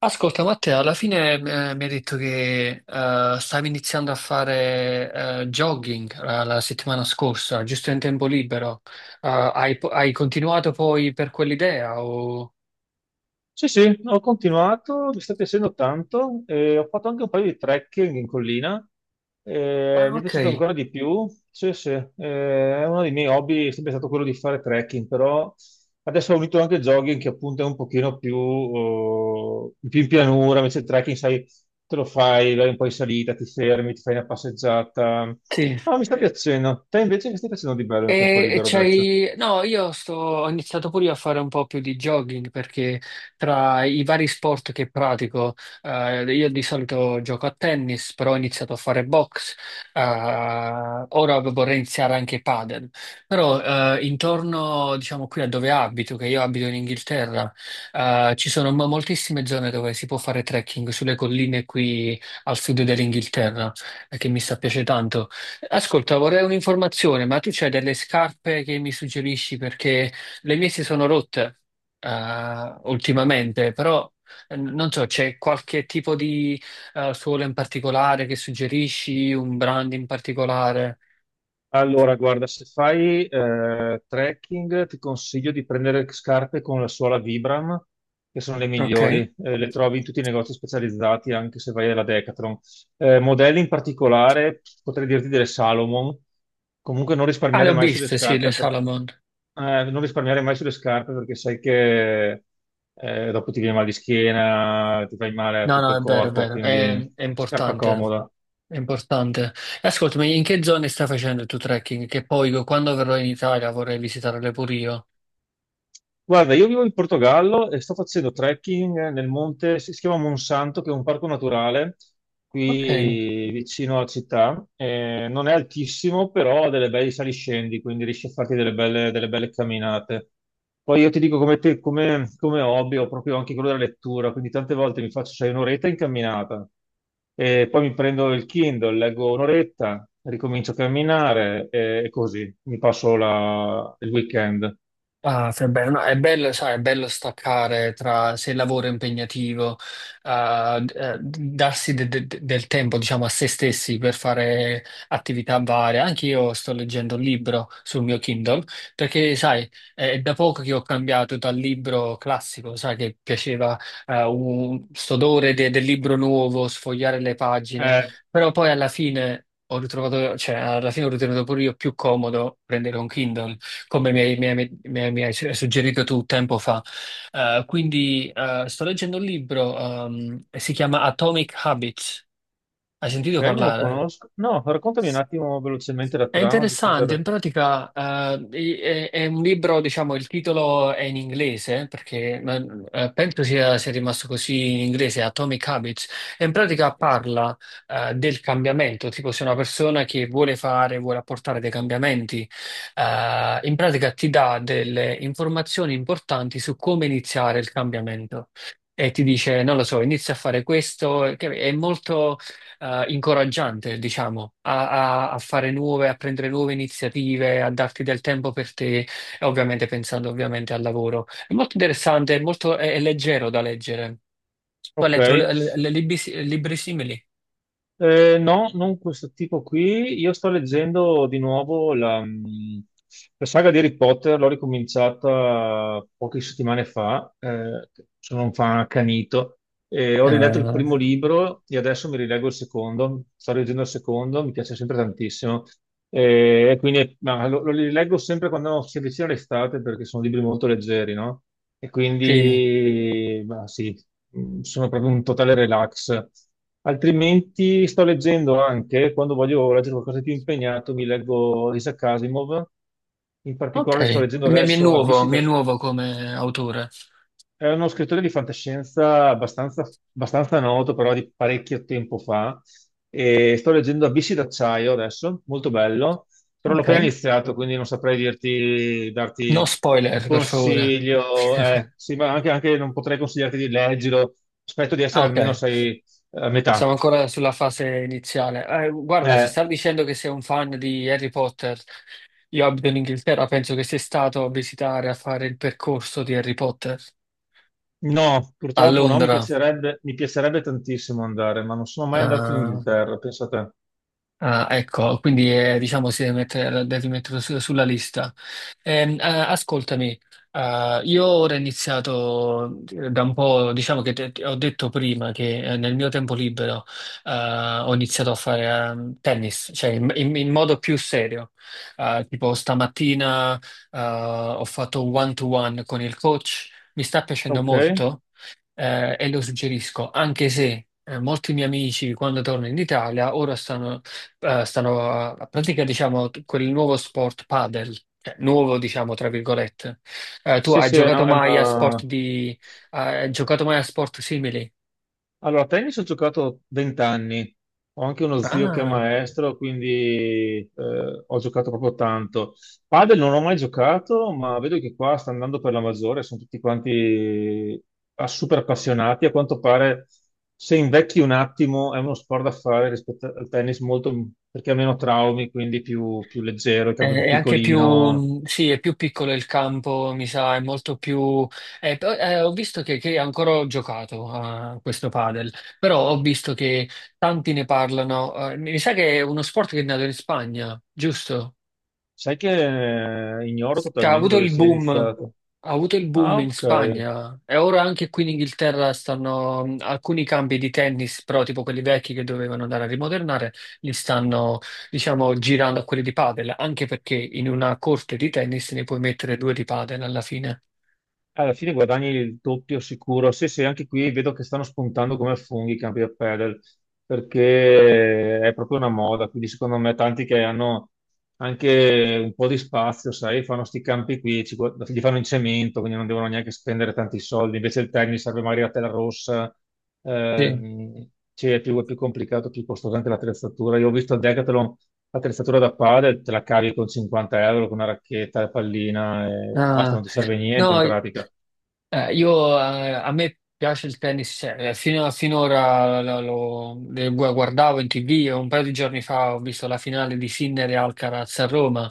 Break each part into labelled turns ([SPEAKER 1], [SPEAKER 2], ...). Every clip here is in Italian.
[SPEAKER 1] Ascolta, Matteo, alla fine mi ha detto che stavi iniziando a fare jogging la settimana scorsa, giusto in tempo libero. Hai continuato poi per quell'idea? O...
[SPEAKER 2] Sì, sì, ho continuato, mi sta piacendo tanto, e ho fatto anche un paio di trekking in collina, e
[SPEAKER 1] Ah,
[SPEAKER 2] mi è
[SPEAKER 1] ok,
[SPEAKER 2] piaciuto ancora di più, sì, sì, è uno dei miei hobby, è sempre stato quello di fare trekking, però adesso ho unito anche il jogging che appunto è un pochino più, oh, più in pianura. Invece il trekking, sai, te lo fai, vai un po' in salita, ti fermi, ti fai una passeggiata,
[SPEAKER 1] sì.
[SPEAKER 2] no, mi sta piacendo. Te invece che stai facendo di bello nel tempo libero adesso?
[SPEAKER 1] No, ho iniziato pure io a fare un po' più di jogging perché tra i vari sport che pratico, io di solito gioco a tennis, però ho iniziato a fare box, eh, ora vorrei iniziare anche padel, però intorno, diciamo, qui a dove abito, che io abito in Inghilterra, ci sono moltissime zone dove si può fare trekking sulle colline qui al sud dell'Inghilterra, che mi sta piace tanto. Ascolta, vorrei un'informazione, ma tu c'hai delle scarpe che mi suggerisci? Perché le mie si sono rotte ultimamente, però non so, c'è qualche tipo di suola in particolare che suggerisci, un brand in particolare?
[SPEAKER 2] Allora, guarda, se fai trekking ti consiglio di prendere scarpe con la suola Vibram, che sono le
[SPEAKER 1] Ok.
[SPEAKER 2] migliori. Le trovi in tutti i negozi specializzati, anche se vai alla Decathlon. Modelli in particolare, potrei dirti delle Salomon. Comunque non
[SPEAKER 1] Ah, le
[SPEAKER 2] risparmiare
[SPEAKER 1] ho
[SPEAKER 2] mai sulle
[SPEAKER 1] viste, sì, le
[SPEAKER 2] scarpe,
[SPEAKER 1] Salomon.
[SPEAKER 2] non risparmiare mai sulle scarpe perché sai che dopo ti viene mal di schiena, ti fai male a
[SPEAKER 1] No,
[SPEAKER 2] tutto
[SPEAKER 1] no,
[SPEAKER 2] il
[SPEAKER 1] è vero, è
[SPEAKER 2] corpo,
[SPEAKER 1] vero,
[SPEAKER 2] quindi
[SPEAKER 1] è
[SPEAKER 2] scarpa
[SPEAKER 1] importante,
[SPEAKER 2] comoda.
[SPEAKER 1] è importante. E ascoltami, in che zone stai facendo il tuo trekking? Che poi quando verrò in Italia vorrei visitarle pure io.
[SPEAKER 2] Guarda, io vivo in Portogallo e sto facendo trekking nel monte, si chiama Monsanto, che è un parco naturale
[SPEAKER 1] Ok.
[SPEAKER 2] qui vicino alla città. Non è altissimo, però ha delle belle saliscendi, quindi riesci a farti delle belle camminate. Poi io ti dico come, te, come hobby, ho proprio anche quello della lettura, quindi tante volte mi faccio, sai, un'oretta in camminata, e poi mi prendo il Kindle, leggo un'oretta, ricomincio a camminare e così mi passo il weekend.
[SPEAKER 1] Ah, che bello. No, è bello, sai, è bello staccare tra se il lavoro è impegnativo, darsi del tempo, diciamo, a se stessi per fare attività varie. Anche io sto leggendo un libro sul mio Kindle, perché, sai, è da poco che ho cambiato dal libro classico, sai, che piaceva, un, st'odore del libro nuovo, sfogliare le pagine,
[SPEAKER 2] Eh,
[SPEAKER 1] però poi alla fine ho ritrovato, cioè, alla fine ho ritenuto pure io più comodo prendere un Kindle come mi hai suggerito tu tempo fa. Quindi sto leggendo un libro, si chiama Atomic Habits. Hai
[SPEAKER 2] Ok,
[SPEAKER 1] sentito
[SPEAKER 2] non lo
[SPEAKER 1] parlare?
[SPEAKER 2] conosco. No, raccontami un attimo velocemente la
[SPEAKER 1] È
[SPEAKER 2] trama, giusto
[SPEAKER 1] interessante, in
[SPEAKER 2] per.
[SPEAKER 1] pratica è un libro, diciamo, il titolo è in inglese, perché ma, penso sia rimasto così in inglese, Atomic Habits, e in pratica parla del cambiamento, tipo se una persona che vuole fare, vuole apportare dei cambiamenti, in pratica ti dà delle informazioni importanti su come iniziare il cambiamento. E ti dice, non lo so, inizia a fare questo, che è molto incoraggiante, diciamo, a fare nuove, a prendere nuove iniziative, a darti del tempo per te, e ovviamente pensando ovviamente al lavoro. È molto interessante, è molto, è leggero da leggere. Tu hai
[SPEAKER 2] Ok,
[SPEAKER 1] letto le libri, libri simili?
[SPEAKER 2] No, non questo tipo qui. Io sto leggendo di nuovo la saga di Harry Potter, l'ho ricominciata poche settimane fa, sono un fan accanito. Ho riletto il
[SPEAKER 1] Eh,
[SPEAKER 2] primo libro e adesso mi rileggo il secondo. Sto leggendo il secondo, mi piace sempre tantissimo. E quindi ma lo rileggo sempre quando si avvicina l'estate perché sono libri molto leggeri, no? E
[SPEAKER 1] sì,
[SPEAKER 2] quindi, ma sì, sono proprio un totale relax. Altrimenti sto leggendo anche, quando voglio leggere qualcosa di più impegnato, mi leggo Isaac Asimov. In
[SPEAKER 1] ok.
[SPEAKER 2] particolare sto leggendo
[SPEAKER 1] Mi è
[SPEAKER 2] adesso
[SPEAKER 1] nuovo,
[SPEAKER 2] Abissi,
[SPEAKER 1] mi è nuovo come autore.
[SPEAKER 2] era uno scrittore di fantascienza abbastanza, abbastanza noto, però di parecchio tempo fa. E sto leggendo Abissi d'acciaio adesso, molto bello, però l'ho
[SPEAKER 1] Ok.
[SPEAKER 2] appena iniziato, quindi non saprei dirti,
[SPEAKER 1] No
[SPEAKER 2] darti
[SPEAKER 1] spoiler,
[SPEAKER 2] un
[SPEAKER 1] per favore.
[SPEAKER 2] consiglio. Sì, ma anche non potrei consigliarti di leggerlo. Aspetto di
[SPEAKER 1] Ah,
[SPEAKER 2] essere
[SPEAKER 1] ok.
[SPEAKER 2] almeno sei a
[SPEAKER 1] Siamo
[SPEAKER 2] metà.
[SPEAKER 1] ancora sulla fase iniziale. Guarda, se
[SPEAKER 2] Eh,
[SPEAKER 1] stai dicendo che sei un fan di Harry Potter, io abito in Inghilterra, penso che sei stato a visitare, a fare il percorso di Harry Potter
[SPEAKER 2] no,
[SPEAKER 1] a
[SPEAKER 2] purtroppo no,
[SPEAKER 1] Londra.
[SPEAKER 2] mi piacerebbe tantissimo andare, ma non sono mai andato in
[SPEAKER 1] Eh,
[SPEAKER 2] Inghilterra, pensate.
[SPEAKER 1] Ah, ecco, quindi diciamo si deve mettere, la devi mettere sulla lista. Ascoltami, io ora ho iniziato da un po', diciamo che ho detto prima che nel mio tempo libero ho iniziato a fare tennis, cioè in, in modo più serio. Tipo stamattina ho fatto un one-to-one con il coach, mi sta piacendo
[SPEAKER 2] Ok.
[SPEAKER 1] molto e lo suggerisco, anche se molti miei amici quando torno in Italia ora stanno a pratica, diciamo, quel nuovo sport padel, cioè, nuovo, diciamo, tra virgolette. Tu
[SPEAKER 2] Sì,
[SPEAKER 1] hai
[SPEAKER 2] sì,
[SPEAKER 1] giocato
[SPEAKER 2] no, è
[SPEAKER 1] mai a sport
[SPEAKER 2] una.
[SPEAKER 1] di, hai giocato mai a sport simili?
[SPEAKER 2] Allora, a tennis ho giocato 20 anni, ho anche uno zio che è
[SPEAKER 1] Ah,
[SPEAKER 2] maestro, quindi ho giocato proprio tanto. Padel non ho mai giocato, ma vedo che qua sta andando per la maggiore, sono tutti quanti ah, super appassionati. A quanto pare, se invecchi un attimo, è uno sport da fare rispetto al tennis, molto, perché ha meno traumi, quindi più, più leggero, il
[SPEAKER 1] è,
[SPEAKER 2] campo è più
[SPEAKER 1] è anche più,
[SPEAKER 2] piccolino.
[SPEAKER 1] sì, è più piccolo il campo, mi sa, è molto più, però, ho visto che, ancora ho giocato a questo padel, però ho visto che tanti ne parlano, mi sa che è uno sport che è nato in Spagna, giusto?
[SPEAKER 2] Sai che ignoro
[SPEAKER 1] Cioè, ha
[SPEAKER 2] totalmente
[SPEAKER 1] avuto
[SPEAKER 2] dove
[SPEAKER 1] il
[SPEAKER 2] sia
[SPEAKER 1] boom, ha
[SPEAKER 2] iniziato.
[SPEAKER 1] avuto il
[SPEAKER 2] Ah,
[SPEAKER 1] boom in
[SPEAKER 2] ok.
[SPEAKER 1] Spagna e ora anche qui in Inghilterra stanno alcuni campi di tennis, però tipo quelli vecchi che dovevano andare a rimodernare, li stanno, diciamo, girando a quelli di padel, anche perché in una corte di tennis ne puoi mettere due di padel alla fine.
[SPEAKER 2] Alla fine guadagni il doppio sicuro. Sì, sì, anche qui vedo che stanno spuntando come funghi i campi da padel, perché è proprio una moda. Quindi secondo me tanti che hanno anche un po' di spazio, sai, fanno questi campi qui, li fanno in cemento, quindi non devono neanche spendere tanti soldi. Invece il tennis serve magari la tela rossa,
[SPEAKER 1] Sì.
[SPEAKER 2] ehm, cioè, è più complicato, più costoso anche l'attrezzatura. Io ho visto a Decathlon l'attrezzatura da padel, te la cavi con 50 euro, con una racchetta, la pallina e basta,
[SPEAKER 1] Ah,
[SPEAKER 2] non ti serve niente in
[SPEAKER 1] no,
[SPEAKER 2] pratica.
[SPEAKER 1] A me piace il tennis, cioè, finora guardavo in TV e un paio di giorni fa ho visto la finale di Sinner e Alcaraz a Roma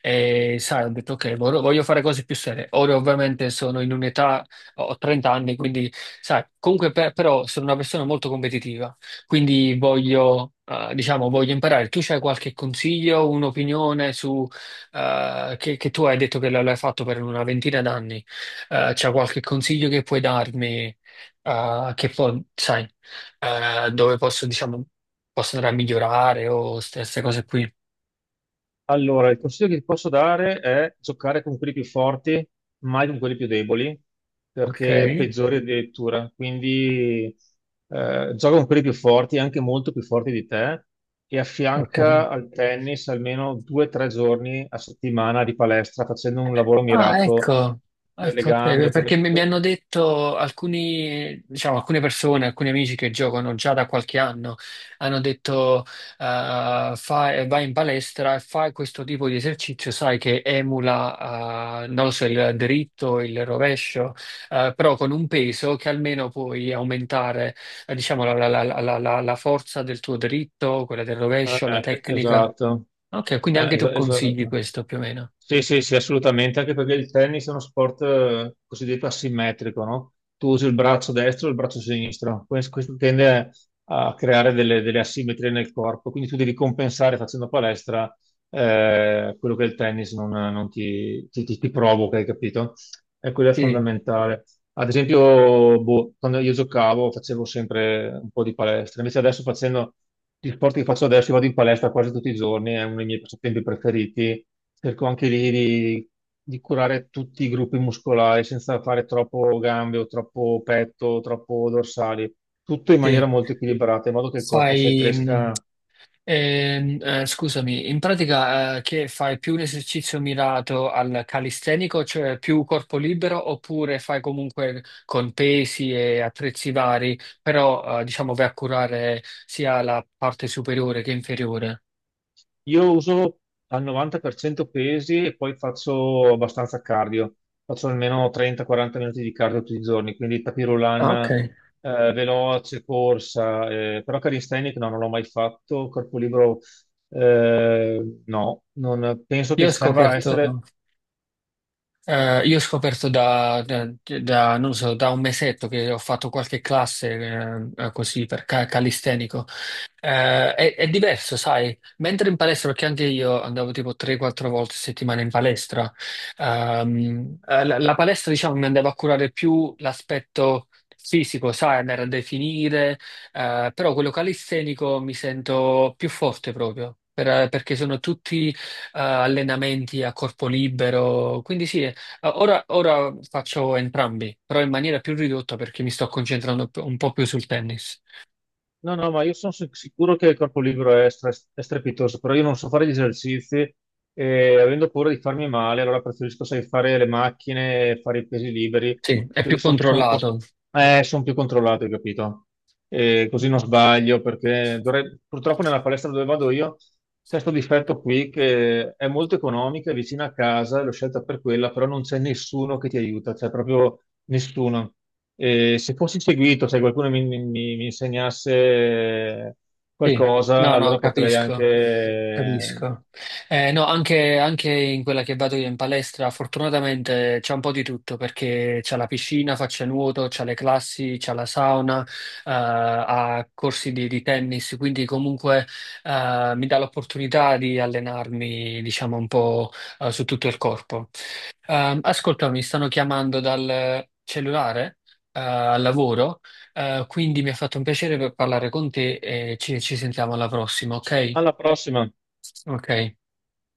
[SPEAKER 1] e sai, ho detto ok, voglio fare cose più serie. Ora ovviamente sono in un'età, ho 30 anni, quindi sai, comunque però sono una persona molto competitiva, quindi voglio, diciamo, voglio imparare. Tu c'hai qualche consiglio, un'opinione su, che tu hai detto che l'hai fatto per una ventina d'anni? C'è qualche consiglio che puoi darmi, che poi, sai, dove posso, diciamo, posso andare a migliorare o queste cose qui.
[SPEAKER 2] Allora, il consiglio che ti posso dare è giocare con quelli più forti, mai con quelli più deboli,
[SPEAKER 1] Ok,
[SPEAKER 2] perché peggiori addirittura. Quindi gioca con quelli più forti, anche molto più forti di te, e
[SPEAKER 1] ok.
[SPEAKER 2] affianca al tennis almeno due o tre giorni a settimana di palestra, facendo un lavoro
[SPEAKER 1] Ah,
[SPEAKER 2] mirato
[SPEAKER 1] ecco,
[SPEAKER 2] per le
[SPEAKER 1] ecco, ok,
[SPEAKER 2] gambe,
[SPEAKER 1] perché mi hanno detto alcuni, diciamo, alcune persone, alcuni amici che giocano già da qualche anno, hanno detto, vai in palestra e fai questo tipo di esercizio, sai, che emula, non lo so, il dritto, il rovescio, però con un peso che almeno puoi aumentare, diciamo, la forza del tuo dritto, quella del
[SPEAKER 2] Eh,
[SPEAKER 1] rovescio, la tecnica.
[SPEAKER 2] esatto.
[SPEAKER 1] Ok, quindi anche tu consigli
[SPEAKER 2] Esatto.
[SPEAKER 1] questo più o meno.
[SPEAKER 2] Sì, sì, sì, assolutamente, anche perché il tennis è uno sport cosiddetto asimmetrico, no? Tu usi il braccio destro e il braccio sinistro, questo tende a creare delle, asimmetrie nel corpo, quindi tu devi compensare facendo palestra quello che il tennis non ti provoca, hai capito? E quello è
[SPEAKER 1] Sì,
[SPEAKER 2] fondamentale. Ad esempio, boh, quando io giocavo facevo sempre un po' di palestra, invece adesso facendo gli sport che faccio adesso, io vado in palestra quasi tutti i giorni, è uno dei miei passatempi preferiti. Cerco anche lì di curare tutti i gruppi muscolari senza fare troppo gambe o troppo petto, o troppo dorsali, tutto in maniera
[SPEAKER 1] sì.
[SPEAKER 2] molto equilibrata, in modo che il corpo se
[SPEAKER 1] Fai, mh,
[SPEAKER 2] cresca.
[SPEAKER 1] scusami, in pratica, che fai più un esercizio mirato al calistenico, cioè più corpo libero, oppure fai comunque con pesi e attrezzi vari, però, diciamo, vai a curare sia la parte superiore che inferiore?
[SPEAKER 2] Io uso al 90% pesi e poi faccio abbastanza cardio. Faccio almeno 30-40 minuti di cardio tutti i giorni, quindi tapis
[SPEAKER 1] Ah, ok.
[SPEAKER 2] roulant, veloce, corsa, però calisthenic no, non l'ho mai fatto, corpo libero no, non penso
[SPEAKER 1] io
[SPEAKER 2] che
[SPEAKER 1] ho
[SPEAKER 2] serva
[SPEAKER 1] scoperto.
[SPEAKER 2] essere.
[SPEAKER 1] Eh, io ho scoperto da, non so, da un mesetto che ho fatto qualche classe così per calistenico. È diverso, sai, mentre in palestra, perché anche io andavo tipo 3-4 volte a settimana in palestra, la palestra diciamo mi andava a curare più l'aspetto fisico, sai, andare a definire, però quello calistenico mi sento più forte proprio. Perché sono tutti allenamenti a corpo libero, quindi sì. Ah, ora faccio entrambi, però in maniera più ridotta perché mi sto concentrando un po' più sul tennis.
[SPEAKER 2] No, no, ma io sono sicuro che il corpo libero è strepitoso, però io non so fare gli esercizi e avendo paura di farmi male, allora preferisco, sai, fare le macchine, fare i pesi liberi,
[SPEAKER 1] Sì, è
[SPEAKER 2] quelli
[SPEAKER 1] più
[SPEAKER 2] sono sono un po'-
[SPEAKER 1] controllato.
[SPEAKER 2] eh, son più controllati, capito? E così non sbaglio, perché purtroppo nella palestra dove vado io c'è questo difetto qui che è molto economica, è vicina a casa, l'ho scelta per quella, però non c'è nessuno che ti aiuta, c'è proprio nessuno. E se fossi seguito, se qualcuno mi insegnasse
[SPEAKER 1] Sì,
[SPEAKER 2] qualcosa,
[SPEAKER 1] no, no,
[SPEAKER 2] allora potrei anche.
[SPEAKER 1] capisco. Capisco. No, anche in quella che vado io in palestra, fortunatamente c'è un po' di tutto perché c'è la piscina, faccia nuoto, c'è le classi, c'è la sauna, ha corsi di, tennis, quindi comunque mi dà l'opportunità di allenarmi, diciamo, un po' su tutto il corpo. Ascolta, mi stanno chiamando dal cellulare, al lavoro, quindi mi ha fatto un piacere per parlare con te e ci sentiamo alla prossima, ok?
[SPEAKER 2] Alla prossima!
[SPEAKER 1] Ok.